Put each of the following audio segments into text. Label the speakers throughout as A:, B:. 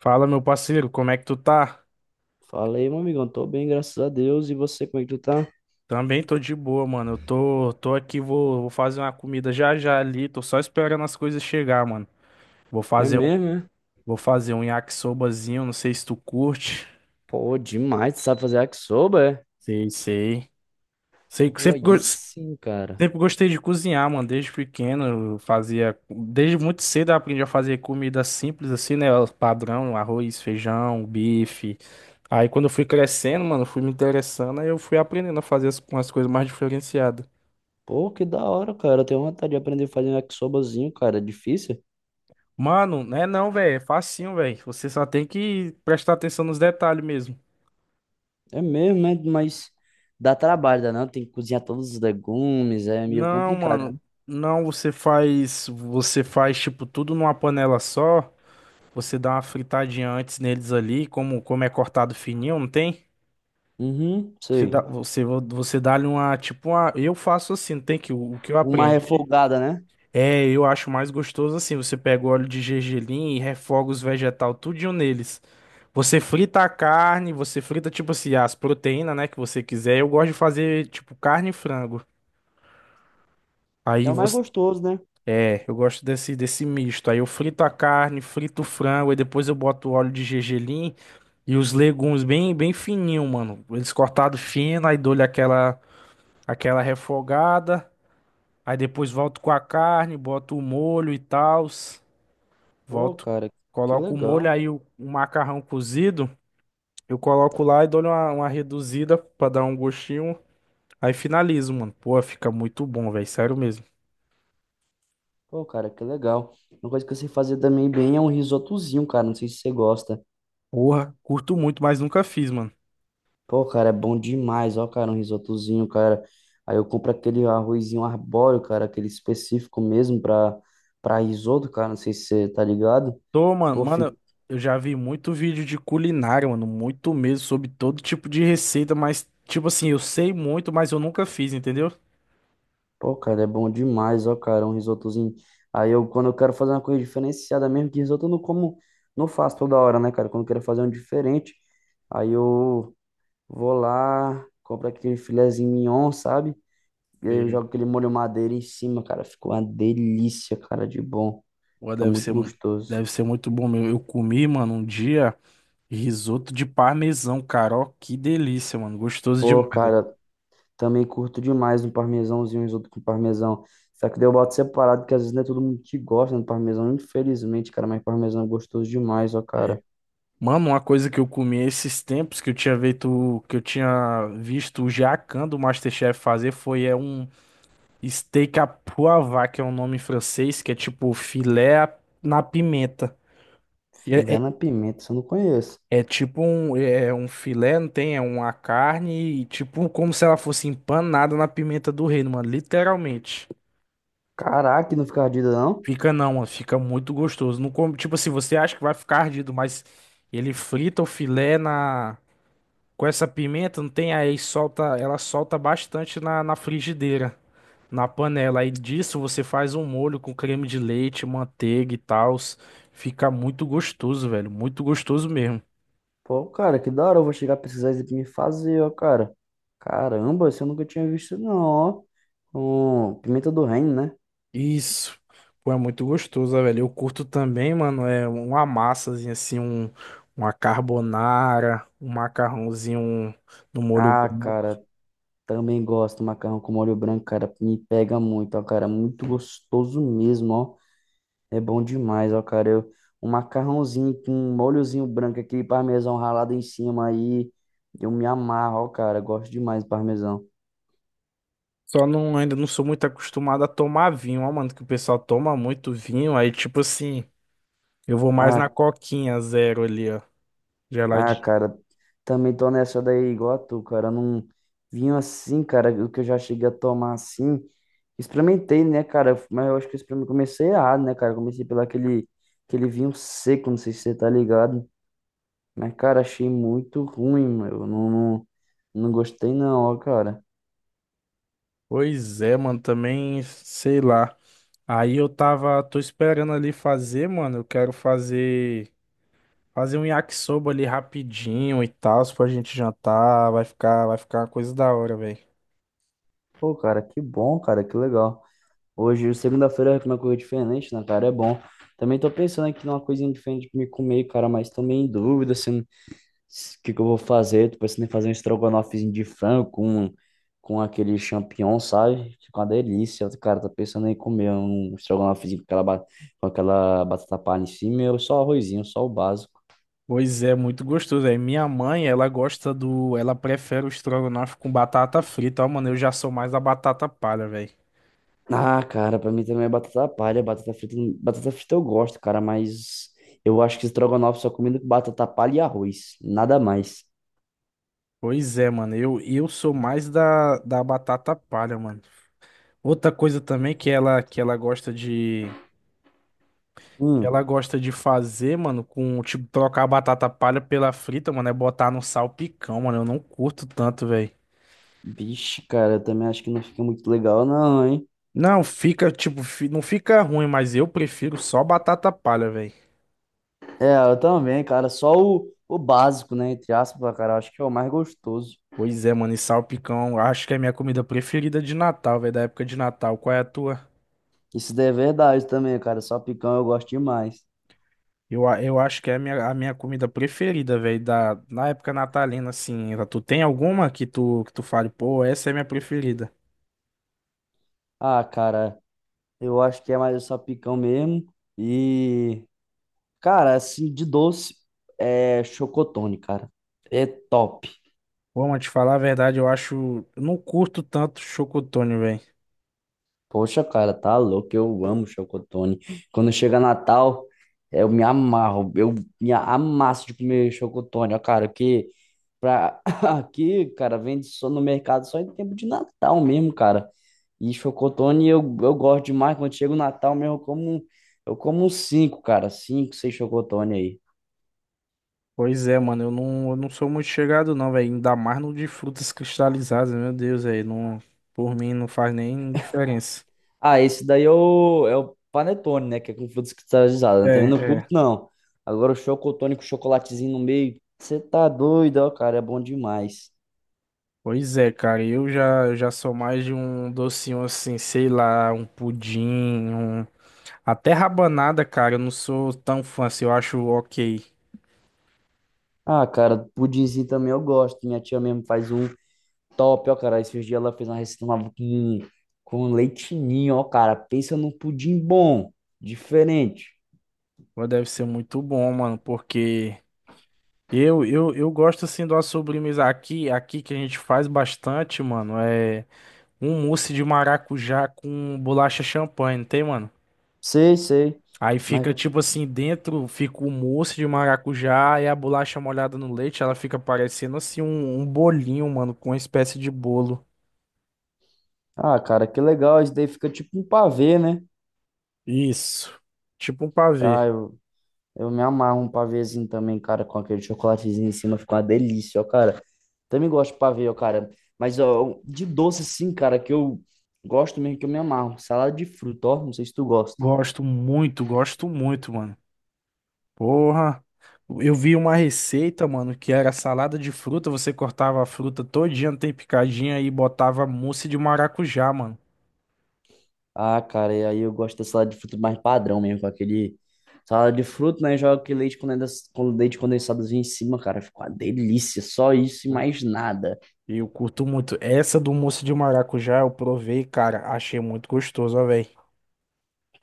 A: Fala, meu parceiro, como é que tu tá?
B: Falei, meu amigão, tô bem, graças a Deus. E você, como é que tu tá?
A: Também tô de boa, mano. Eu tô aqui, vou fazer uma comida já já ali. Tô só esperando as coisas chegar, mano. Vou
B: É
A: fazer um,
B: mesmo, é?
A: vou fazer um yakisobazinho, não sei se tu curte.
B: Pô, demais, tu sabe fazer yakisoba, é?
A: Sei, sei. Sei que
B: Pô,
A: sempre,
B: aí
A: gos-
B: sim, cara.
A: sempre gostei de cozinhar, mano. Desde pequeno eu fazia, desde muito cedo eu aprendi a fazer comida simples assim, né? O padrão, arroz, feijão, bife. Aí quando eu fui crescendo, mano, fui me interessando, aí eu fui aprendendo a fazer umas coisas mais diferenciadas.
B: Pô, que da hora, cara. Eu tenho vontade de aprender a fazer um yakisobazinho, cara. É difícil?
A: Mano, não é não, velho. É facinho, velho. Você só tem que prestar atenção nos detalhes mesmo.
B: É mesmo, né? Mas dá trabalho, dá não? Tem que cozinhar todos os legumes, é meio
A: Não,
B: complicado, né?
A: mano. Não, Você faz tipo, tudo numa panela só. Você dá uma fritadinha antes neles ali, como é cortado fininho, não tem?
B: Uhum,
A: Você dá,
B: sei.
A: você, você dá-lhe uma. Eu faço assim, não tem que o que eu
B: Uma
A: aprendi.
B: refogada, né?
A: É, eu acho mais gostoso assim. Você pega o óleo de gergelim e refoga os vegetal tudinho neles. Você frita a carne, você frita tipo assim as proteínas, né, que você quiser. Eu gosto de fazer tipo carne e frango.
B: É
A: Aí
B: o mais
A: você,
B: gostoso, né?
A: É, eu gosto desse misto. Aí eu frito a carne, frito o frango, aí depois eu boto o óleo de gergelim e os legumes bem bem fininho, mano. Eles cortados fino, aí dou-lhe aquela refogada. Aí depois volto com a carne, boto o molho e tal.
B: Pô,
A: Volto,
B: cara, que
A: coloco o molho,
B: legal.
A: aí o macarrão cozido, eu coloco lá e dou uma reduzida pra dar um gostinho. Aí finalizo, mano. Pô, fica muito bom, velho. Sério mesmo.
B: Pô, cara, que legal. Uma coisa que eu sei fazer também bem é um risotozinho, cara. Não sei se você gosta.
A: Porra, curto muito, mas nunca fiz, mano.
B: Pô, cara, é bom demais, ó, cara, um risotozinho, cara. Aí eu compro aquele arrozinho arbóreo, cara, aquele específico mesmo pra, risoto, cara, não sei se você tá ligado.
A: Tô, mano,
B: Pô, fica.
A: eu já vi muito vídeo de culinária, mano. Muito mesmo, sobre todo tipo de receita, mas, tipo assim, eu sei muito, mas eu nunca fiz, entendeu?
B: Pô, cara, é bom demais, ó, cara, um risotozinho. Aí eu, quando eu quero fazer uma coisa diferenciada mesmo, que risoto eu não como, não faço toda hora, né, cara? Quando eu quero fazer um diferente, aí eu vou lá, compro aquele filezinho mignon, sabe? E aí, eu
A: Sei.
B: jogo aquele molho madeira em cima, cara. Ficou uma delícia, cara, de bom.
A: Pô,
B: Fica
A: deve
B: muito
A: ser, mu-
B: gostoso.
A: deve ser muito bom mesmo. Eu comi, mano, um dia. Risoto de parmesão, cara. Ó, que delícia, mano. Gostoso
B: Pô,
A: demais, velho.
B: cara, também curto demais um parmesãozinho, um risoto com parmesão. Só que daí eu boto separado, que às vezes não é todo mundo que gosta do parmesão, infelizmente, cara. Mas parmesão é gostoso demais, ó,
A: É.
B: cara.
A: Mano, uma coisa que eu comi esses tempos que eu tinha visto o jacan do MasterChef fazer foi é um steak à poivre, que é um nome em francês, que é tipo filé na pimenta. E É,
B: Filé
A: é,
B: na pimenta, isso eu não conheço.
A: é um filé, não tem? É uma carne, e tipo como se ela fosse empanada na pimenta do reino, mano, literalmente.
B: Caraca, não fica ardido, não?
A: Fica não, mano, fica muito gostoso. Não come, tipo assim, você acha que vai ficar ardido, mas ele frita o filé na com essa pimenta, não tem aí, ela solta bastante na frigideira, na panela. Aí disso você faz um molho com creme de leite, manteiga e tal. Fica muito gostoso, velho, muito gostoso mesmo.
B: Pô, cara, que da hora. Eu vou chegar a precisar isso aqui me fazer, ó, cara. Caramba, isso eu nunca tinha visto, não, ó. Com pimenta do reino, né?
A: Isso. Pô, é muito gostoso, velho. Eu curto também, mano, é uma massazinha assim, uma carbonara, um macarrãozinho no molho
B: Ah,
A: branco.
B: cara, também gosto, macarrão com molho branco, cara, me pega muito, ó, cara, muito gostoso mesmo, ó. É bom demais, ó, cara. Eu, um macarrãozinho com um molhozinho branco, aquele parmesão ralado em cima aí, eu me amarro, ó, cara, gosto demais do parmesão.
A: Só não, ainda não sou muito acostumado a tomar vinho, ó, mano, que o pessoal toma muito vinho, aí tipo assim, eu vou mais
B: Ah,
A: na coquinha zero ali, ó, geladinho.
B: cara, também tô nessa daí igual a tu, cara, não vinho assim, cara, o que eu já cheguei a tomar assim, experimentei, né, cara, mas eu acho que eu experimentei, comecei errado, né, cara, comecei pelo aquele vinho seco, não sei se você tá ligado. Mas, cara, achei muito ruim, meu. Não, não, não gostei não, ó, cara.
A: Pois é, mano, também, sei lá. Aí tô esperando ali fazer, mano, eu quero fazer um yakisoba ali rapidinho e tal, se pra gente jantar, vai ficar uma coisa da hora, velho.
B: Pô, cara, que bom, cara, que legal. Hoje, segunda-feira, é uma coisa diferente, né, cara? É bom. Também tô pensando aqui numa coisinha diferente pra me comer, cara, mas também em dúvida, assim, o que que eu vou fazer. Tô pensando em fazer um estrogonofezinho de frango com aquele champignon, sabe? Fica uma delícia. Cara, tô pensando em comer um estrogonofezinho com aquela batata palha em cima, ou só arrozinho, só o básico.
A: Pois é, muito gostoso, velho. Minha mãe, ela prefere o estrogonofe com batata frita, ó, mano, eu já sou mais da batata palha, velho.
B: Ah, cara, pra mim também é batata palha, batata frita eu gosto, cara, mas eu acho que estrogonofe só comendo com batata palha e arroz, nada mais.
A: Pois é, mano. Eu sou mais da batata palha, mano. Outra coisa também que ela gosta de. que
B: Hum,
A: Ela gosta de fazer, mano, com, tipo, trocar a batata palha pela frita, mano, é botar no salpicão, mano. Eu não curto tanto, velho.
B: vixe, cara, eu também acho que não fica muito legal não, hein?
A: Não, fica, tipo, não fica ruim, mas eu prefiro só batata palha, velho.
B: É, eu também, cara, só o básico, né, entre aspas, cara, eu acho que é o mais gostoso.
A: Pois é, mano, e salpicão, acho que é a minha comida preferida de Natal, velho, da época de Natal. Qual é a tua?
B: Isso daí é verdade também, cara, só picão eu gosto demais.
A: Eu acho que é a minha, comida preferida, velho, na época natalina, assim. Tu tem alguma que tu fale, pô, essa é minha preferida?
B: Ah, cara, eu acho que é mais só picão mesmo e, cara, assim, de doce é chocotone, cara. É top.
A: Pô, mas te falar a verdade, eu acho. Eu não curto tanto chocotone, velho.
B: Poxa, cara, tá louco, eu amo chocotone. Quando chega Natal, eu me amarro, eu me amasso de comer chocotone, ó, cara, que pra... aqui, cara, vende só no mercado só em tempo de Natal mesmo, cara. E chocotone eu gosto demais, quando chega o Natal mesmo, eu como uns cinco, cara, cinco, seis chocotone aí.
A: Pois é, mano, eu não sou muito chegado, não, velho. Ainda mais no de frutas cristalizadas, meu Deus, velho. Não, por mim não faz nem diferença.
B: Ah, esse daí é o, é o panetone, né? Que é com frutas cristalizadas.
A: É,
B: né? Também não curto,
A: é.
B: não. Agora o chocotone com chocolatezinho no meio. Você tá doido, ó, cara. É bom demais.
A: Pois é, cara, eu já sou mais de um docinho assim, sei lá, um pudim, até rabanada, cara, eu não sou tão fã, assim, eu acho OK.
B: Ah, cara, pudinzinho também eu gosto. Minha tia mesmo faz um top, ó, cara. Esses dias ela fez uma receita uma com leite ninho, ó, cara. Pensa num pudim bom, diferente.
A: Mas deve ser muito bom, mano, porque eu gosto, assim, de uma sobremesa aqui que a gente faz bastante, mano, é um mousse de maracujá com bolacha champanhe, não tem, mano?
B: Sei, sei.
A: Aí
B: Mas,
A: fica, tipo assim, dentro fica o mousse de maracujá e a bolacha molhada no leite, ela fica parecendo, assim, um bolinho, mano, com uma espécie de bolo.
B: ah, cara, que legal. Isso daí fica tipo um pavê, né?
A: Isso, tipo um
B: Ah,
A: pavê.
B: eu me amarro um pavêzinho também, cara, com aquele chocolatezinho em cima, fica uma delícia, ó, cara. Também gosto de pavê, ó, cara. Mas, ó, um, de doce, sim cara, que eu gosto mesmo, que eu me amarro. Salada de fruta, ó, não sei se tu gosta.
A: Gosto muito, mano. Porra, eu vi uma receita, mano, que era salada de fruta, você cortava a fruta todinha, tem picadinha e botava mousse de maracujá, mano.
B: Ah, cara, e aí eu gosto da salada de fruta mais padrão mesmo, com aquele. Salada de fruta, né, joga aquele com leite condensadozinho em cima, cara, fica uma delícia. Só isso e
A: Pô,
B: mais nada.
A: eu curto muito. Essa do mousse de maracujá eu provei, cara, achei muito gostoso, ó, velho.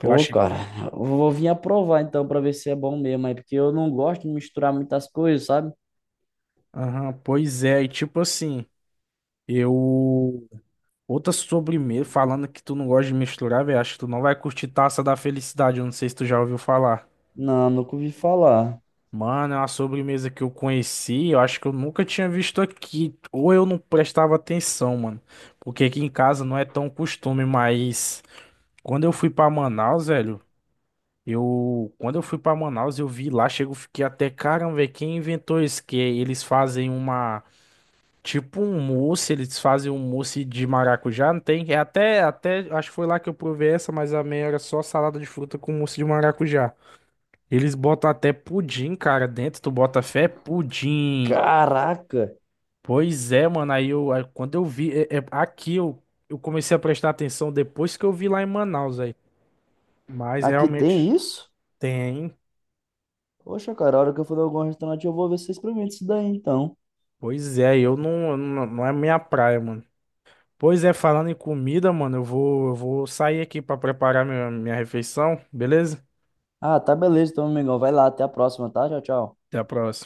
A: Eu achei.
B: cara, eu vou vir aprovar então pra ver se é bom mesmo, aí, porque eu não gosto de misturar muitas coisas, sabe?
A: Aham, pois é, e tipo assim, eu. Outra sobremesa, falando que tu não gosta de misturar, velho, acho que tu não vai curtir Taça da Felicidade, eu não sei se tu já ouviu falar.
B: Não, nunca ouvi falar.
A: Mano, é uma sobremesa que eu conheci, eu acho que eu nunca tinha visto aqui, ou eu não prestava atenção, mano, porque aqui em casa não é tão costume, mas quando eu fui pra Manaus, velho, quando eu fui pra Manaus, eu vi lá, chego, fiquei até, caramba, velho, quem inventou isso? Que eles fazem uma, tipo um mousse, eles fazem um mousse de maracujá, não tem? É até, acho que foi lá que eu provei essa, mas a minha era só salada de fruta com mousse de maracujá. Eles botam até pudim, cara, dentro. Tu bota fé? É pudim.
B: Caraca,
A: Pois é, mano. Aí quando eu vi, aqui eu comecei a prestar atenção depois que eu vi lá em Manaus, aí. Mas
B: aqui tem
A: realmente
B: isso?
A: tem.
B: Poxa, cara, a hora que eu for em algum restaurante, eu vou ver se vocês experimentam isso daí, então.
A: Pois é, eu não, é minha praia, mano. Pois é, falando em comida, mano, eu vou sair aqui pra preparar minha refeição, beleza?
B: Ah, tá beleza, então, amigão. Vai lá, até a próxima, tá? Tchau, tchau.
A: Até a próxima.